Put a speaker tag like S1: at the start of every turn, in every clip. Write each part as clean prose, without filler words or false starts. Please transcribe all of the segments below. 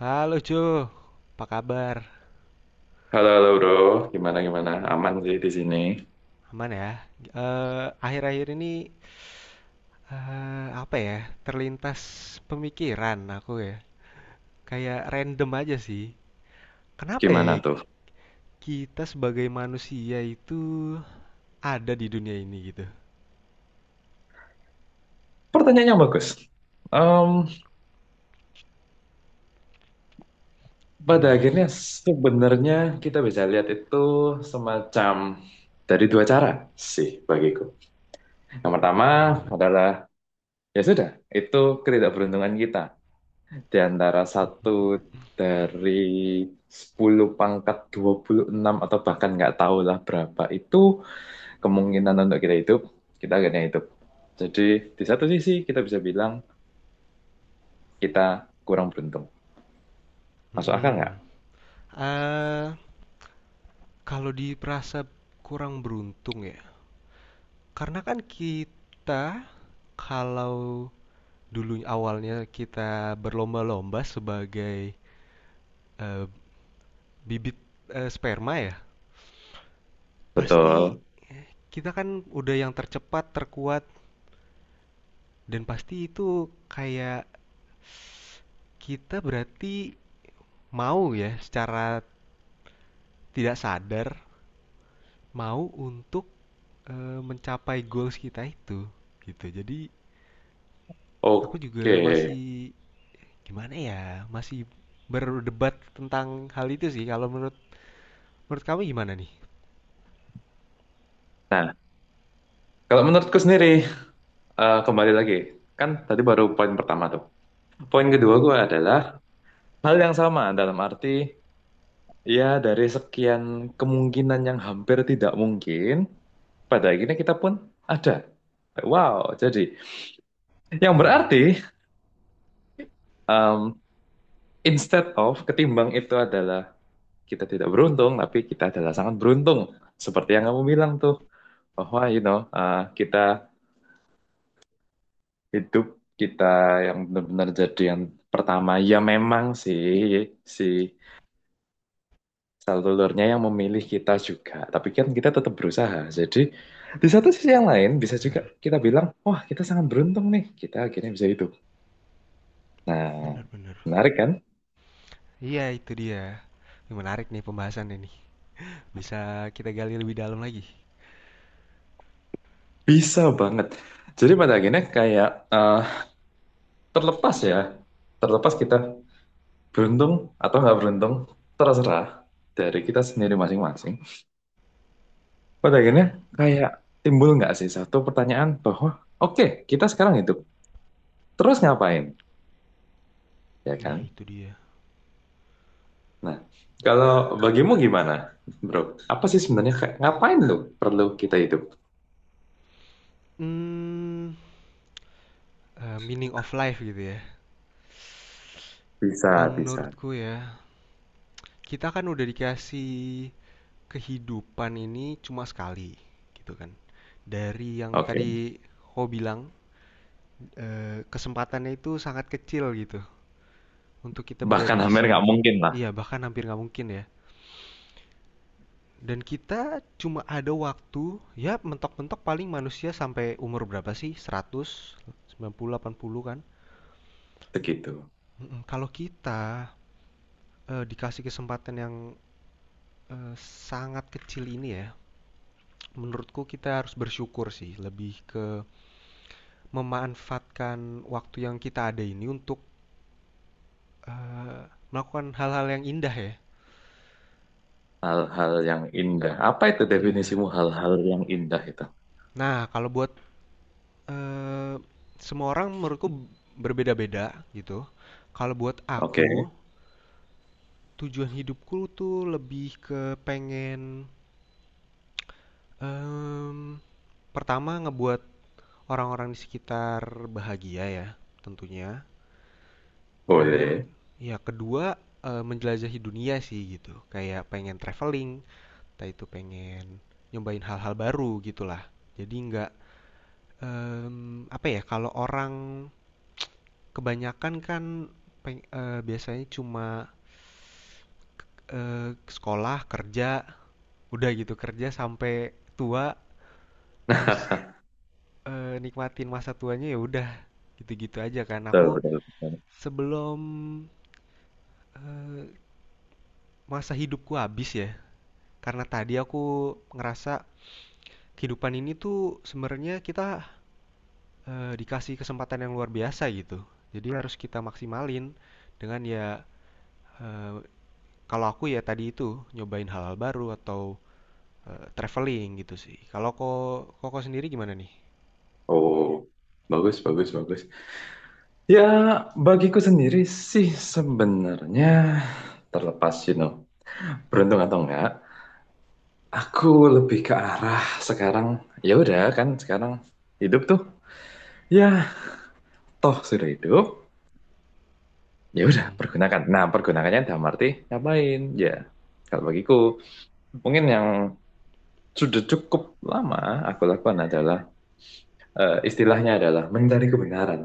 S1: Halo Jo, apa kabar?
S2: Halo, halo bro, gimana gimana? Aman sih di sini.
S1: Aman ya? Akhir-akhir ini apa ya? Terlintas pemikiran aku ya. Kayak random aja sih. Kenapa ya
S2: Gimana tuh?
S1: kita sebagai manusia itu ada di dunia ini gitu?
S2: Pertanyaannya bagus. Em, Pada
S1: Gimana
S2: akhirnya
S1: tuh?
S2: sebenarnya kita bisa lihat itu semacam dari dua cara sih bagiku. Yang pertama
S1: Hmm, gimana?
S2: adalah ya sudah, itu ketidakberuntungan kita di antara satu dari 10^26 atau bahkan nggak tahulah berapa itu kemungkinan untuk kita hidup, kita akhirnya hidup. Jadi di satu sisi kita bisa bilang kita kurang beruntung. Masuk akal nggak?
S1: Mm-mm. Eh, Kalau diperasa kurang beruntung ya. Karena kan kita kalau dulu awalnya kita berlomba-lomba sebagai Eh, bibit sperma ya, pasti
S2: Betul.
S1: kita kan udah yang tercepat, terkuat, dan pasti itu kayak kita berarti mau ya secara tidak sadar mau untuk mencapai goals kita itu gitu. Jadi aku juga
S2: Oke.
S1: masih gimana ya, masih berdebat tentang hal itu sih. Kalau menurut menurut kamu gimana nih?
S2: Nah, kalau menurutku sendiri, kembali lagi. Kan tadi baru poin pertama tuh. Poin kedua
S1: Mm-mm.
S2: gue adalah hal yang sama dalam arti ya dari sekian kemungkinan yang hampir tidak mungkin, pada akhirnya kita pun ada. Wow, jadi yang
S1: Iya, iya.
S2: berarti em, instead of ketimbang itu adalah kita tidak beruntung, tapi kita adalah sangat beruntung. Seperti yang kamu bilang tuh, bahwa kita hidup, kita yang benar-benar jadi yang pertama. Ya memang sih, si selulurnya yang memilih kita juga. Tapi kan kita tetap berusaha. Jadi di satu sisi yang lain bisa juga
S1: Bener,
S2: kita bilang, wah kita sangat beruntung nih, kita akhirnya bisa hidup. Nah,
S1: bener, bener.
S2: menarik kan?
S1: Iya, itu dia. Ini menarik nih pembahasan ini. Bisa kita gali lebih dalam lagi.
S2: Bisa banget. Jadi pada akhirnya kayak eh, terlepas ya, terlepas kita beruntung atau nggak beruntung, terserah dari kita sendiri masing-masing. Pada akhirnya
S1: Mm-mm.
S2: kayak timbul nggak sih satu pertanyaan bahwa oke kita sekarang hidup, terus ngapain, ya
S1: Nah
S2: kan?
S1: itu dia.
S2: Nah, kalau bagimu gimana, bro? Apa sih sebenarnya kayak ngapain lu perlu kita hidup?
S1: Hmm, Meaning of life gitu ya.
S2: Bisa,
S1: Kalau
S2: bisa.
S1: menurutku ya, kita kan udah dikasih kehidupan ini cuma sekali, gitu kan. Dari yang
S2: Oke,
S1: tadi kau bilang, kesempatannya itu sangat kecil gitu untuk kita berada
S2: bahkan
S1: di
S2: hampir nggak
S1: sini.
S2: mungkin lah,
S1: Iya, bahkan hampir nggak mungkin ya. Dan kita cuma ada waktu, ya mentok-mentok paling manusia sampai umur berapa sih? 100, 90, 80 kan?
S2: begitu.
S1: Mhm, kalau kita, dikasih kesempatan yang, eee, sangat kecil ini ya, menurutku kita harus bersyukur sih, lebih ke memanfaatkan waktu yang kita ada ini untuk, melakukan hal-hal yang indah ya.
S2: Hal-hal yang indah. Apa itu
S1: Iya.
S2: definisimu hal-hal yang indah itu?
S1: Nah, kalau buat, eee, semua orang menurutku berbeda-beda gitu. Kalau buat
S2: Oke,
S1: aku, tujuan hidupku tuh lebih ke pengen, mmm, pertama ngebuat orang-orang di sekitar bahagia ya, tentunya. Kemudian
S2: boleh.
S1: ya kedua, menjelajahi dunia sih gitu, kayak pengen traveling entah itu pengen nyobain hal-hal baru gitulah. Jadi nggak, apa ya, kalau orang kebanyakan kan biasanya cuma, sekolah, kerja, udah gitu kerja sampai tua, terus, nikmatin masa tuanya ya udah gitu-gitu aja kan.
S2: Betul,
S1: Aku
S2: betul, betul.
S1: sebelum masa hidupku habis ya karena tadi aku ngerasa kehidupan ini tuh sebenarnya kita dikasih kesempatan yang luar biasa gitu jadi harus kita maksimalin dengan ya eh, kalau aku ya tadi itu nyobain hal-hal baru atau traveling gitu sih kalau koko sendiri gimana nih?
S2: Oh, bagus, bagus, bagus. Ya, bagiku sendiri sih sebenarnya terlepas, beruntung atau enggak, aku lebih ke arah sekarang. Ya udah kan, sekarang hidup tuh. Ya, toh sudah hidup. Ya udah,
S1: Mm-mm.
S2: pergunakan. Nah, pergunakannya dalam arti ngapain? Ya, kalau bagiku mungkin yang sudah cukup lama aku lakukan adalah istilahnya adalah mencari kebenaran.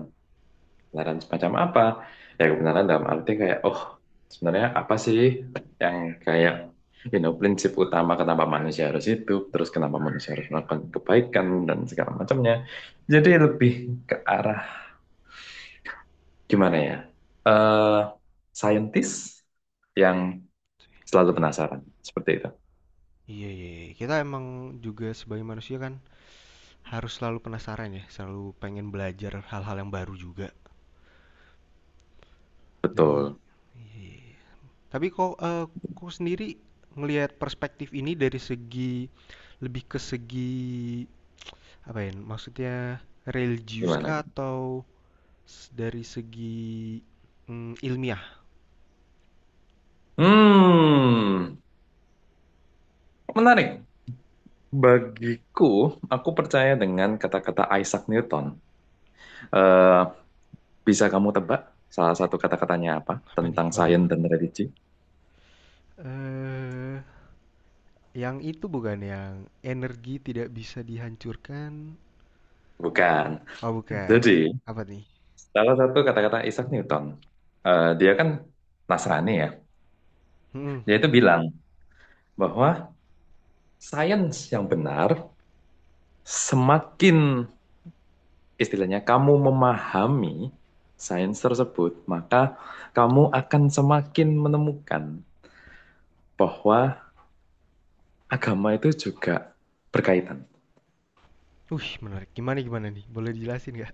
S2: Kebenaran semacam apa? Ya kebenaran dalam arti kayak, oh sebenarnya apa sih yang kayak prinsip utama kenapa manusia harus hidup, terus kenapa manusia harus melakukan kebaikan dan segala macamnya. Jadi lebih ke arah gimana ya? eh Saintis yang selalu
S1: Di-
S2: penasaran seperti itu.
S1: Iya, iya, iya. Kita emang juga sebagai manusia kan harus selalu penasaran ya, selalu pengen belajar hal-hal yang baru juga. Jadi,
S2: Betul.
S1: iya, iya, iya. Tapi kok sendiri ngelihat perspektif ini dari segi lebih ke segi apa ya, maksudnya religius
S2: Gimana?
S1: kah atau dari segi, ilmiah?
S2: Hmm, Menarik. Bagiku, aku percaya dengan kata-kata Isaac Newton. Eh, Bisa kamu tebak salah satu kata-katanya apa
S1: Apa nih?
S2: tentang
S1: Waduh,
S2: sains dan religi?
S1: eee, yang itu bukan, yang energi tidak bisa dihancurkan?
S2: Bukan.
S1: Oh,
S2: Jadi,
S1: bukan. Apa nih?
S2: salah satu kata-kata Isaac Newton, dia kan Nasrani ya,
S1: Mhm.
S2: dia itu bilang bahwa sains yang benar semakin istilahnya kamu memahami sains tersebut, maka kamu akan semakin menemukan bahwa agama itu juga berkaitan.
S1: Wih, menarik. Gimana gimana nih? Boleh dijelasin nggak?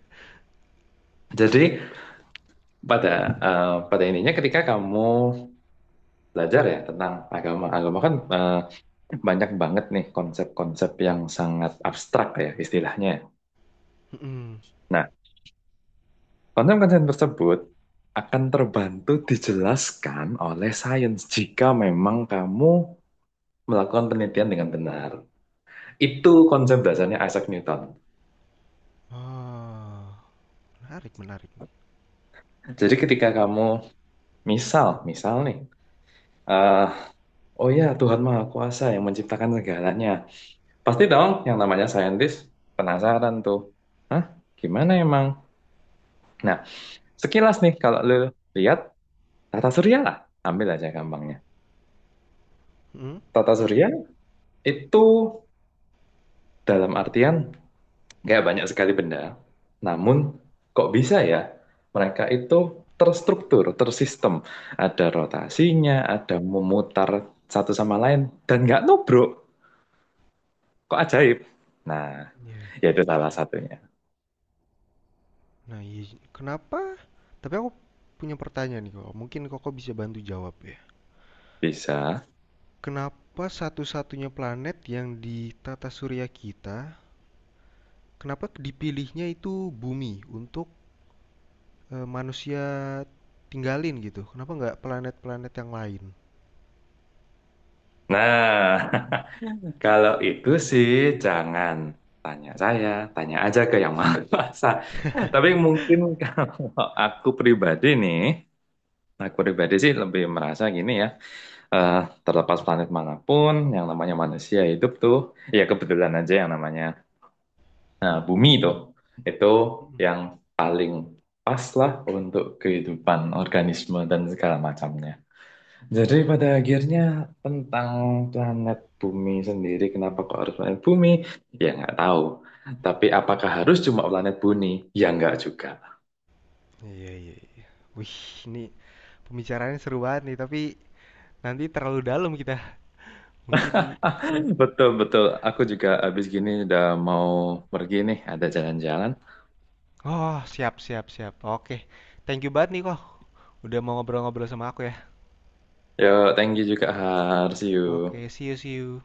S2: Jadi, pada pada ininya ketika kamu belajar ya tentang agama. Agama kan banyak banget nih konsep-konsep yang sangat abstrak ya istilahnya.
S1: Mhm.
S2: Nah, konsep-konsep tersebut akan terbantu dijelaskan oleh sains jika memang kamu melakukan penelitian dengan benar. Itu konsep dasarnya Isaac Newton.
S1: Oh, menarik menarik.
S2: Jadi ketika kamu misal, misal nih, eh, oh ya Tuhan Maha Kuasa yang menciptakan segalanya. Pasti dong yang namanya saintis penasaran tuh. Hah? Gimana emang? Nah, sekilas nih kalau lo lihat tata surya lah, ambil aja gampangnya.
S1: Mhm?
S2: Tata surya itu dalam artian nggak banyak sekali benda, namun kok bisa ya mereka itu terstruktur, tersistem. Ada rotasinya, ada memutar satu sama lain, dan nggak nubruk. Kok ajaib? Nah,
S1: Ya.
S2: ya itu salah satunya.
S1: Nah, iya, kenapa tapi aku punya pertanyaan nih kok. Mungkin Koko bisa bantu jawab ya.
S2: Bisa.
S1: Kenapa satu-satunya planet yang di tata surya kita, kenapa dipilihnya itu bumi untuk manusia tinggalin gitu? Kenapa nggak planet-planet yang lain?
S2: Nah, kalau itu sih jangan tanya saya, tanya aja ke yang maha kuasa. Tapi mungkin kalau aku pribadi nih, aku pribadi sih lebih merasa gini ya, eh, terlepas planet manapun, yang namanya manusia hidup tuh, ya kebetulan aja yang namanya bumi tuh, itu
S1: Mm-mm.
S2: yang paling pas lah untuk kehidupan organisme dan segala macamnya. Jadi pada akhirnya tentang planet bumi sendiri, kenapa kok harus planet bumi? Ya nggak tahu. Tapi apakah harus cuma planet bumi? Ya nggak juga.
S1: Iya, iya, iya. Wih, ini pembicaraannya seru banget nih, tapi nanti terlalu dalam kita. Mungkin...
S2: Betul, betul. Aku juga habis gini udah mau pergi nih, ada jalan-jalan.
S1: Oh, siap, siap, siap. Oke. Thank you banget nih kok. Udah mau ngobrol-ngobrol sama aku ya.
S2: Yo, thank you juga, Har. See
S1: Oke,
S2: you.
S1: see you, see you.